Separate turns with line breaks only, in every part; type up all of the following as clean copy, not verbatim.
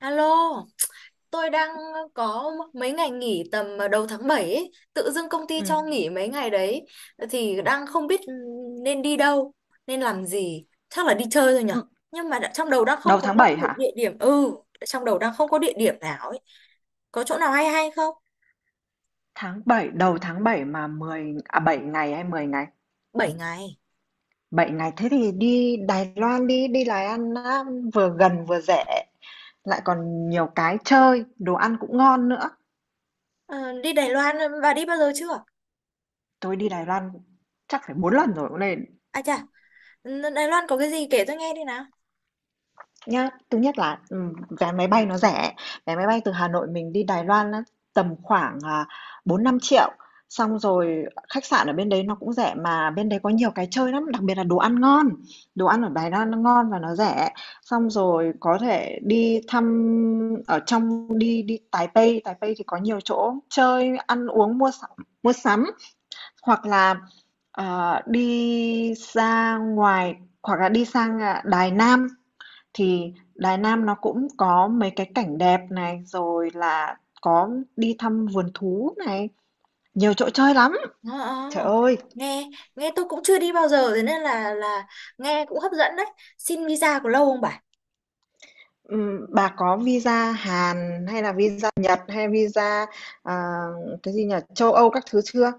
Alo, tôi đang có mấy ngày nghỉ tầm đầu tháng 7 ấy. Tự dưng công ty cho
Ừm.
nghỉ mấy ngày đấy thì đang không biết nên đi đâu, nên làm gì. Chắc là đi chơi thôi nhở.
Ừm,
Nhưng mà đã, trong đầu đang không
Đầu
có
tháng
một
7 hả?
địa điểm. Ừ, trong đầu đang không có địa điểm nào ấy. Có chỗ nào hay hay không?
Tháng bảy, đầu tháng 7 mà 10 à 7 ngày hay 10 ngày?
7 ngày.
Bảy ngày thế thì đi Đài Loan đi, đi Đài Loan á, vừa gần vừa rẻ, lại còn nhiều cái chơi, đồ ăn cũng ngon nữa.
Ờ, đi Đài Loan, bà đi bao giờ chưa?
Tôi đi Đài Loan chắc phải 4 lần rồi cũng nên.
À chà, Đài Loan có cái gì kể tôi nghe đi nào.
Nhá, thứ nhất là, vé máy bay nó rẻ. Vé máy bay từ Hà Nội mình đi Đài Loan á, tầm khoảng, 4.000.000. Xong rồi khách sạn ở bên đấy nó cũng rẻ, mà bên đấy có nhiều cái chơi lắm, đặc biệt là đồ ăn ngon, đồ ăn ở Đài Loan nó ngon và nó rẻ. Xong rồi có thể đi thăm ở trong, đi đi Taipei. Taipei thì có nhiều chỗ chơi, ăn uống, mua sắm mua sắm. Hoặc là, đi ra ngoài hoặc là đi sang Đài Nam. Thì Đài Nam nó cũng có mấy cái cảnh đẹp này, rồi là có đi thăm vườn thú này, nhiều chỗ chơi lắm.
Ờ, ờ.
Trời
Ờ.
ơi,
nghe nghe tôi cũng chưa đi bao giờ, thế nên là nghe cũng hấp dẫn đấy. Xin visa có lâu không bà?
bà có visa Hàn hay là visa Nhật hay visa, à, cái gì nhỉ, châu Âu các thứ chưa?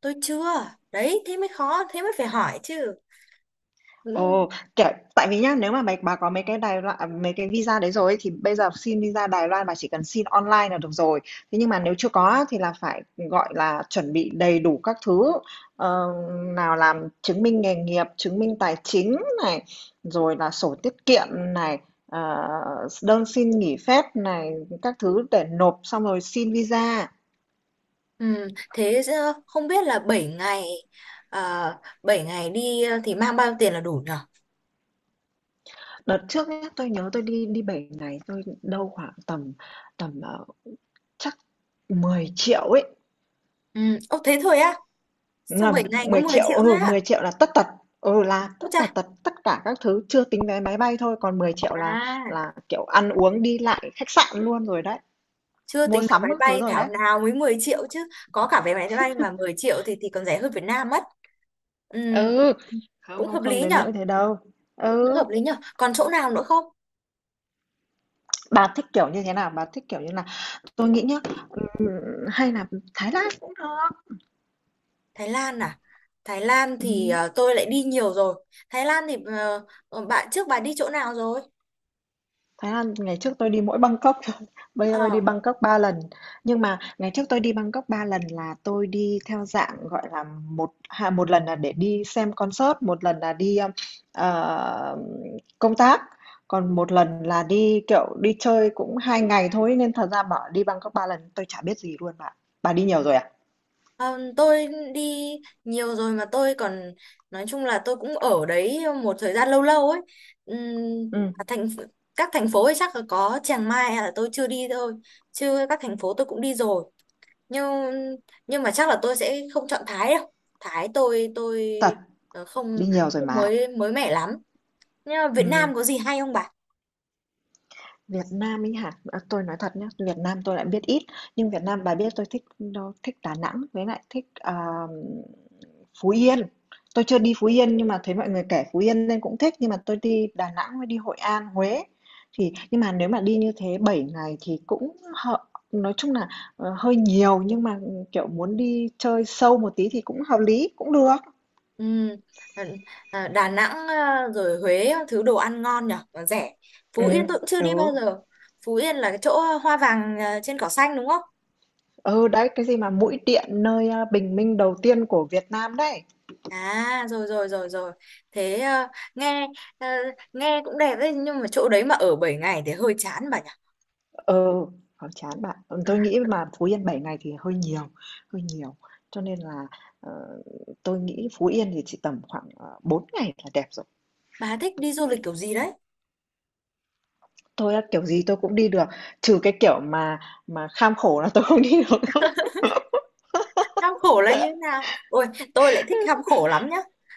Tôi chưa. Đấy, thế mới khó, thế mới phải hỏi chứ. Ừ.
Ồ, kiểu, tại vì nhá, nếu mà bà có mấy cái Đài Loan, mấy cái visa đấy rồi ấy, thì bây giờ xin visa Đài Loan bà chỉ cần xin online là được rồi. Thế nhưng mà nếu chưa có á, thì là phải gọi là chuẩn bị đầy đủ các thứ. Ờ, Nào làm chứng minh nghề nghiệp, chứng minh tài chính này, rồi là sổ tiết kiệm này, ờ, đơn xin nghỉ phép này, các thứ để nộp, xong rồi xin visa.
Ừ, thế không biết là 7 ngày 7 ngày đi, thì mang bao nhiêu tiền là đủ nhở?
Đợt trước nhá, tôi nhớ tôi đi đi 7 ngày, tôi đâu khoảng tầm tầm chắc 10 triệu ấy.
Ừ, ô thế thôi á.
Đúng
Sao
là
7 ngày có
10
10
triệu,
triệu thôi á?
10 triệu là tất tật, là tất
Ô
tần
chà.
tật tất cả các thứ, chưa tính vé máy bay thôi, còn 10 triệu là
À,
là, kiểu, ăn uống, đi lại, khách sạn luôn rồi đấy,
chưa
mua
tính vé
sắm
máy
các thứ
bay
rồi
thảo
đấy.
nào mới 10 triệu chứ. Có cả vé máy bay mà 10 triệu thì còn rẻ hơn Việt Nam mất. Ừ,
Ừ, không,
cũng
không,
hợp
không
lý
đến
nhở?
nỗi thế đâu.
Cũng
Ừ,
hợp lý nhở? Còn chỗ nào nữa không?
bà thích kiểu như thế nào? Bà thích kiểu như là tôi nghĩ nhá, ừm, hay là Thái Lan cũng được.
Thái Lan à? Thái Lan thì
Ừm.
tôi lại đi nhiều rồi. Thái Lan thì bạn trước bà đi chỗ nào rồi?
Thái Lan ngày trước tôi đi mỗi Bangkok thôi, bây giờ tôi đi
Ờ,
Bangkok 3 lần. Nhưng mà ngày trước tôi đi Bangkok 3 lần là tôi đi theo dạng gọi là một lần là để đi xem concert, một lần là đi ờ, công tác, còn một lần là đi kiểu đi chơi cũng 2 ngày thôi, nên thật ra bảo đi Bangkok 3 lần tôi chả biết gì luôn bạn. Bà đi nhiều rồi à?
ờ, tôi đi nhiều rồi mà tôi còn nói chung là tôi cũng ở đấy một thời gian lâu lâu ấy. Ừm,
Ừ,
thành các thành phố ấy chắc là có Chiang Mai là tôi chưa đi thôi. Chứ các thành phố tôi cũng đi rồi. Nhưng nhưng mà chắc là tôi sẽ không chọn Thái đâu. Thái tôi
thật,
không
đi nhiều rồi
không
mà.
mới mới mẻ lắm. Nhưng mà Việt
Ừ.
Nam có gì hay không bà?
Việt Nam ấy hả? À, tôi nói thật nhé, Việt Nam tôi lại biết ít, nhưng Việt Nam bà biết tôi thích đâu, thích Đà Nẵng với lại thích Phú Yên. Tôi chưa đi Phú Yên nhưng mà thấy mọi người kể Phú Yên nên cũng thích, nhưng mà tôi đi Đà Nẵng với đi Hội An, Huế. Thì nhưng mà nếu mà đi như thế 7 ngày thì cũng hợp, nói chung là hơi nhiều, nhưng mà kiểu muốn đi chơi sâu một tí thì cũng hợp lý, cũng được.
Ừ. À, Đà Nẵng à, rồi Huế thứ đồ ăn ngon nhở và rẻ. Phú Yên
Ừ.
tôi cũng chưa đi
Ừ.
bao giờ. Phú Yên là cái chỗ, hoa vàng, trên cỏ xanh, đúng không?
Ừ, đấy cái gì mà mũi điện nơi à, bình minh đầu tiên của Việt Nam đấy.
À, rồi, rồi, rồi, rồi. Thế à, nghe à, nghe cũng đẹp đấy nhưng mà chỗ đấy mà ở 7 ngày thì hơi chán bà nhỉ.
Ừ, khó chán bạn. Tôi nghĩ mà Phú Yên 7 ngày thì hơi nhiều, hơi nhiều. Cho nên là, ờ, tôi nghĩ Phú Yên thì chỉ tầm khoảng, 4 ngày là đẹp rồi.
Bà thích đi du lịch kiểu gì đấy?
Tôi á, kiểu gì tôi cũng đi được, trừ cái kiểu mà kham khổ là tôi không đi được.
Khám khổ là như thế nào, ôi tôi lại thích khám khổ lắm nhá.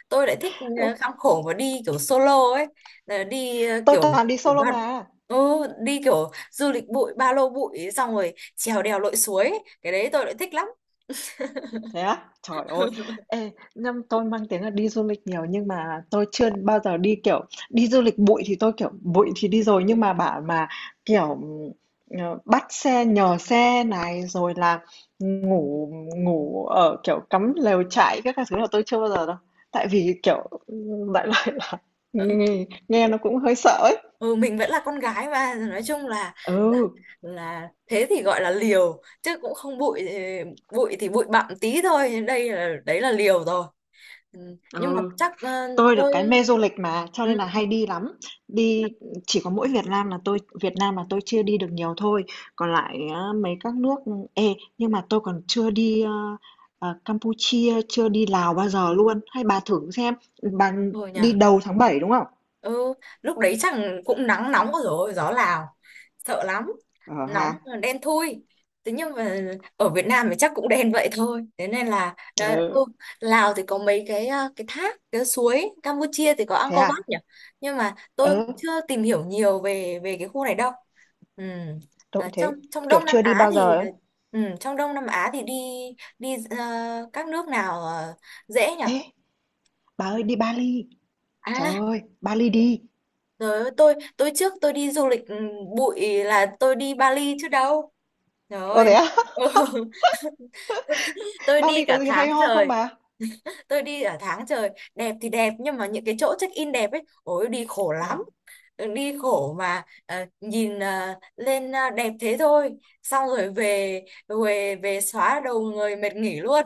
Tôi lại thích, khám khổ và đi kiểu solo ấy. Ờ, đi,
Tôi
kiểu
toàn đi
kiểu
solo mà.
ừ, đi kiểu du lịch bụi ba lô bụi xong rồi trèo đèo lội suối ấy. Cái đấy tôi lại thích lắm.
Thế á? Trời ơi! Ê, nhưng tôi mang tiếng là đi du lịch nhiều nhưng mà tôi chưa bao giờ đi, kiểu, đi du lịch bụi thì tôi, kiểu, bụi thì đi rồi, nhưng mà bảo mà, kiểu, bắt xe nhờ xe này, rồi là ngủ ngủ ở, kiểu, cắm lều trại các thứ là tôi chưa bao giờ đâu. Tại vì, kiểu, đại loại là nghe nghe nó cũng hơi sợ ấy.
Ừ, mình vẫn là con gái mà, nói chung
Ừ,
là thế thì gọi là liều chứ cũng không bụi, bụi thì bụi bặm tí thôi, đây là đấy là liều rồi. Ừ, nhưng mà
ừ.
chắc,
Tôi được
tôi,
cái mê du lịch mà, cho
ừ,
nên là hay đi lắm. Đi chỉ có mỗi Việt Nam là tôi, Việt Nam là tôi chưa đi được nhiều thôi. Còn lại á, mấy các nước ê nhưng mà tôi còn chưa đi Campuchia, chưa đi Lào bao giờ luôn. Hay bà thử xem, bà
rồi nhỉ.
đi đầu tháng bảy đúng không?
Ừ, lúc đấy chắc cũng nắng nóng rồi gió Lào sợ lắm.
Ờ ha.
Nóng đen thui, thế nhưng mà ở Việt Nam thì chắc cũng đen vậy thôi, thế nên là là-
Ừ,
ừ, Lào thì có mấy cái thác cái suối, Campuchia thì có
thế
Angkor Wat
à?
nhỉ, nhưng mà tôi
Ừ,
chưa tìm hiểu nhiều về về cái khu này đâu. Ừ.
tôi
Ở
cũng
trong
thế.
trong
Kiểu
Đông Nam
chưa đi
Á
bao giờ
thì,
ấy.
ừ, trong Đông Nam Á thì đi đi, các nước nào, dễ nhỉ?
Ê, bà ơi, đi Bali. Trời
À.
ơi, Bali đi.
Trời ơi, tôi trước tôi đi du lịch, bụi là tôi đi Bali chứ đâu. Trời
Ồ,
ơi.
thế à?
Ừ. Tôi, tôi đi
Bali có
cả
gì
tháng
hay ho không
trời.
bà?
Tôi đi cả tháng trời. Đẹp thì đẹp nhưng mà những cái chỗ check in đẹp ấy, ôi đi khổ lắm. Ừ, đi khổ mà, nhìn lên đẹp thế thôi. Xong rồi về về về xóa đầu người mệt nghỉ luôn.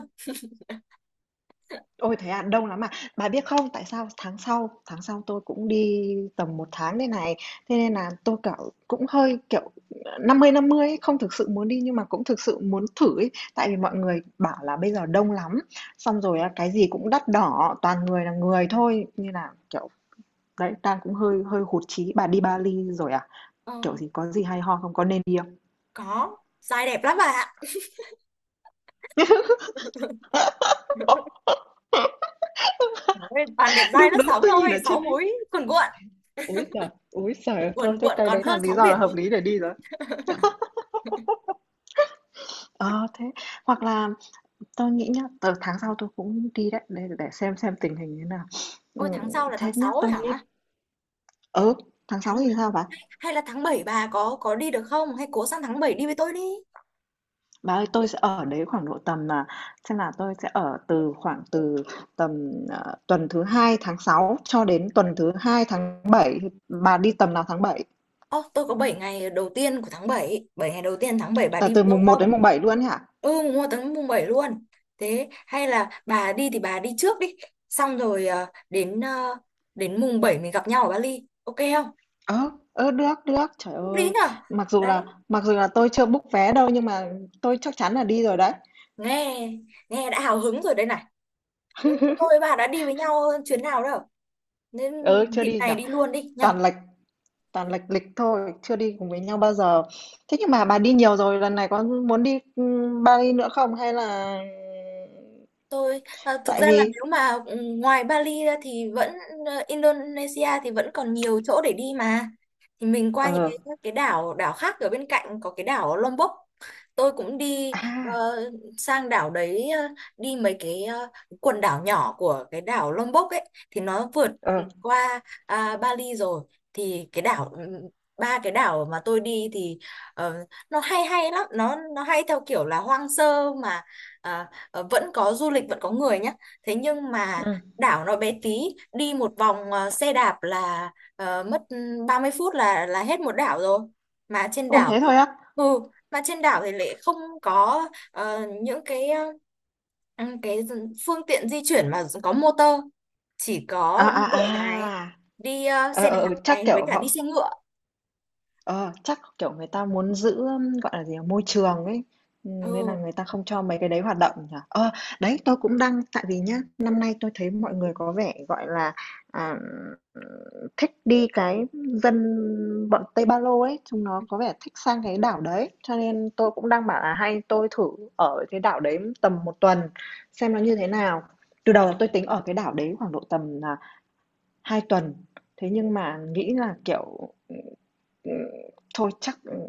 Ôi, thế à? Đông lắm à? Bà biết không, tại sao tháng sau tôi cũng đi tầm một tháng đây này, thế nên là tôi, kiểu, cũng hơi, kiểu, 50-50 ấy, không thực sự muốn đi nhưng mà cũng thực sự muốn thử ấy. Tại vì mọi người bảo là bây giờ đông lắm, xong rồi á, cái gì cũng đắt đỏ, toàn người là người thôi, nên là, kiểu, đấy, đang cũng hơi hơi hụt chí. Bà đi Bali rồi à?
Ờ,
Kiểu gì, có gì hay ho không? Có nên đi không?
có, dai đẹp lắm bạn ạ. Ôi, toàn đẹp dai
Đúng,
lớp
đúng,
sóng
tôi nhìn
thôi,
ở
sáu
trên đấy.
múi
Ôi giời! Ôi giời! Thôi
cuồn
thế
cuộn
cái
còn
đấy là
hơn
lý
sóng
do là
biển đi.
hợp lý để đi rồi. Ờ, thế hoặc là tôi nghĩ nhá, tháng sau tôi cũng đi đấy, để xem tình hình thế nào.
Ôi, tháng sau là
Thế
tháng
nhá,
6 ấy
tôi nghĩ
hả?
ừ, tháng
Tháng
6 thì sao bà?
hay là tháng 7 bà có đi được không? Hay cố sang tháng 7 đi với tôi đi.
Bà ơi, tôi sẽ ở đấy khoảng độ tầm là, xem là tôi sẽ ở từ khoảng từ tầm tuần thứ hai tháng 6 cho đến tuần thứ hai tháng bảy, thì bà đi tầm nào tháng bảy?
Ơ, tôi có 7 ngày đầu tiên của tháng 7, 7 ngày đầu tiên tháng 7 bà
Từ
đi với
từ
tôi
mùng một
không?
đến mùng 7 luôn ấy hả?
Ừ, mua tháng mùng 7 luôn. Thế hay là bà đi thì bà đi trước đi, xong rồi, đến, đến mùng 7 mình gặp nhau ở Bali. Ok không?
Ờ, ờ, được được, trời
Lúc đấy
ơi.
nhở?
Mặc dù
Đấy,
là mặc dù là tôi chưa book vé đâu nhưng mà tôi chắc chắn là đi rồi đấy.
nghe nghe đã hào hứng rồi đây này. Ừ, tôi và bà đã đi với nhau chuyến nào đâu. Nên
Ừ, chưa
dịp
đi nhỉ.
này đi luôn đi nhở?
Toàn lệch toàn lệch lịch thôi, chưa đi cùng với nhau bao giờ. Thế nhưng mà bà đi nhiều rồi, lần này có muốn đi Bali nữa không, hay là
Tôi, thực
tại
ra là
vì
nếu mà, ngoài Bali ra thì vẫn, Indonesia thì vẫn còn nhiều chỗ để đi mà. Thì mình qua những
ờ
cái đảo đảo khác ở bên cạnh, có cái đảo Lombok. Tôi cũng đi,
à
sang đảo đấy, đi mấy quần đảo nhỏ của cái đảo Lombok ấy thì nó vượt
ờ
qua, Bali rồi, thì 3 cái đảo mà tôi đi thì, ờ, nó hay hay lắm, nó hay theo kiểu là hoang sơ mà, ờ, ờ, vẫn có du lịch vẫn có người nhé, thế nhưng mà
ừ.
đảo nó bé tí, đi một vòng, xe đạp là, mất, 30 phút là hết một đảo rồi. Mà trên
Ôi,
đảo
thế
thì,
thôi á.
ừ, mà trên đảo thì lại không có, những cái phương tiện di chuyển mà có motor, chỉ
À
có đi bộ này,
à à.
đi, xe đạp
Ờ, Chắc
này với
kiểu
cả đi
họ.
xe ngựa.
Ờ, chắc, kiểu, người ta muốn giữ, gọi là gì nhỉ, môi trường ấy, nên là
Ừ,
người ta không cho mấy cái đấy hoạt động nhỉ? Ờ, đấy, tôi cũng đang, tại vì nhá, năm nay tôi thấy mọi người có vẻ, gọi là, à, thích đi cái dân bọn Tây Ba Lô ấy, chúng nó có vẻ thích sang cái đảo đấy, cho nên tôi cũng đang bảo là hay tôi thử ở cái đảo đấy tầm một tuần xem nó như thế nào. Từ đầu tôi tính ở cái đảo đấy khoảng độ tầm là 2 tuần, thế nhưng mà nghĩ là, kiểu, Ừm, thôi chắc,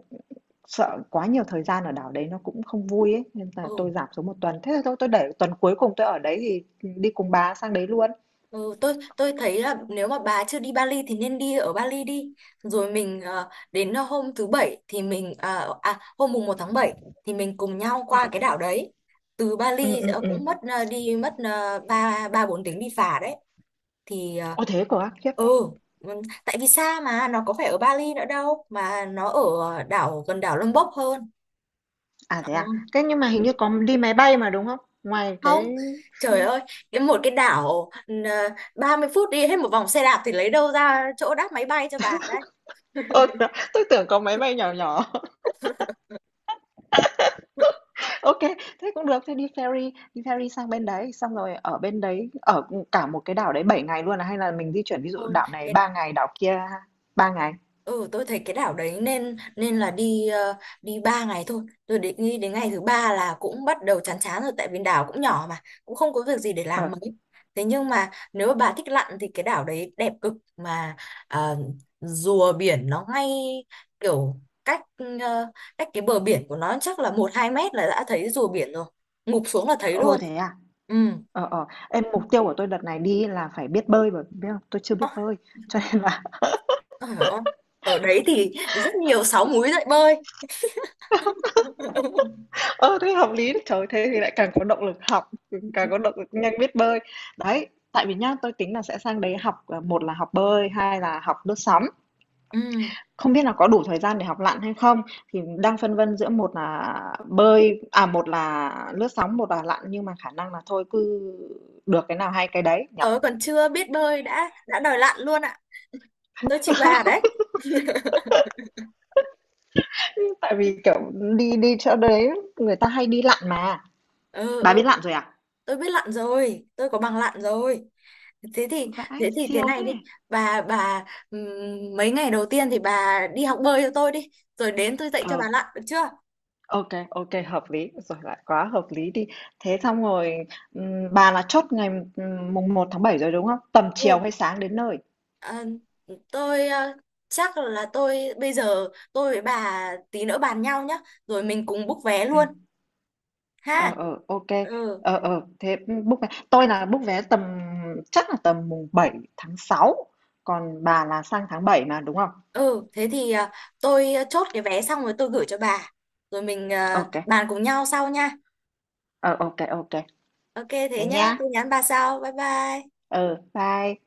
sợ quá nhiều thời gian ở đảo đấy nó cũng không vui ấy, nên là tôi
ừ.
giảm xuống một tuần. Thế thì thôi tôi để tuần cuối cùng tôi ở đấy thì đi cùng bà sang đấy luôn.
Ừ, tôi thấy là nếu mà bà chưa đi Bali thì nên đi ở Bali đi. Rồi mình, đến, hôm thứ bảy thì mình, hôm mùng 1 tháng 7 thì mình cùng nhau qua cái đảo đấy. Từ
Ừ
Bali,
ừ ừ.
cũng mất, đi mất, ba ba bốn tiếng đi phà đấy. Thì,
Ôi, thế cơ á, khiếp.
ừ, ừ, tại vì xa mà nó có phải ở Bali nữa đâu, mà nó ở đảo gần đảo Lombok hơn. Ờ.
À? Thế nhưng mà hình như có đi máy bay mà, đúng không? Ngoài
Không,
cái
trời ơi, một cái đảo, 30 phút đi hết một vòng xe đạp thì lấy đâu ra chỗ đáp máy bay cho bà đấy.
ơ, tôi tưởng có máy bay nhỏ nhỏ. OK, thế cũng được, thế đi ferry sang bên đấy, xong rồi ở bên đấy cả một cái đảo đấy 7 ngày luôn à, hay là mình di chuyển, ví dụ
Thôi
đảo này
cái.
3 ngày, đảo kia 3 ngày?
Ừ, tôi thấy cái đảo đấy nên nên là đi 3 ngày thôi. Tôi định nghĩ đến ngày thứ ba là cũng bắt đầu chán chán rồi tại vì đảo cũng nhỏ mà, cũng không có việc gì để
Ờ.
làm mấy. Thế nhưng mà nếu mà bà thích lặn thì cái đảo đấy đẹp cực mà, ờ, rùa biển nó ngay kiểu cách ờ, cách cái bờ biển của nó chắc là một 2 mét là đã thấy rùa biển rồi. Ngụp xuống là thấy
Ô,
luôn.
thế à?
Ừ.
Ờ, ờ, em mục tiêu của tôi đợt này đi là phải biết bơi mà, biết không? Tôi chưa biết
Ơ,
bơi. Cho nên là
trời ơi. Ở đấy thì rất nhiều sáo múi dậy bơi.
ơ, thế hợp lý đấy. Trời thế thì lại càng có động lực học, càng có động lực nhanh biết bơi. Đấy, tại vì nhá, tôi tính là sẽ sang đấy học một là học bơi, hai là học lướt sóng.
Ừ.
Không biết là có đủ thời gian để học lặn hay không, thì đang phân vân giữa một là bơi, một là lướt sóng, một là lặn, nhưng mà khả năng là thôi cứ được cái nào hay cái đấy nhỉ.
Tớ còn chưa biết bơi đã đòi lặn luôn ạ. Tôi chịu bà đấy.
Tại vì kiểu đi đi chỗ đấy người ta hay đi lặn mà.
Ừ,
Bà
ừ,
biết làm rồi à?
tôi biết lặn rồi, tôi có bằng lặn rồi. Thế thì
Vãi,
thế thì thế
siêu
này
thế!
đi. Bà mấy ngày đầu tiên thì bà đi học bơi cho tôi đi, rồi đến tôi dạy cho
Ờ,
bà lặn được chưa?
ok, ok, hợp lý, rồi lại quá hợp lý đi. Thế xong rồi, bà là chốt ngày, mùng một tháng 7 rồi, đúng không? Tầm chiều
Ừ.
hay sáng đến nơi?
À, tôi, chắc là tôi bây giờ, tôi với bà tí nữa bàn nhau nhá, rồi mình cùng book vé luôn
Ừm,
ha.
ờ, ok
Ừ.
ờ, ờ, thế, book vé tôi là book vé tầm, chắc là tầm mùng 7 tháng sáu, còn bà là sang tháng 7 mà, đúng không?
Ừ, thế thì, tôi, chốt cái vé xong rồi tôi gửi cho bà. Rồi mình,
Ok kê,
bàn cùng nhau sau nha.
ờ, ô kê,
Ok thế
thế
nhá,
nhá.
tôi nhắn bà sau. Bye bye.
Ừ, bye.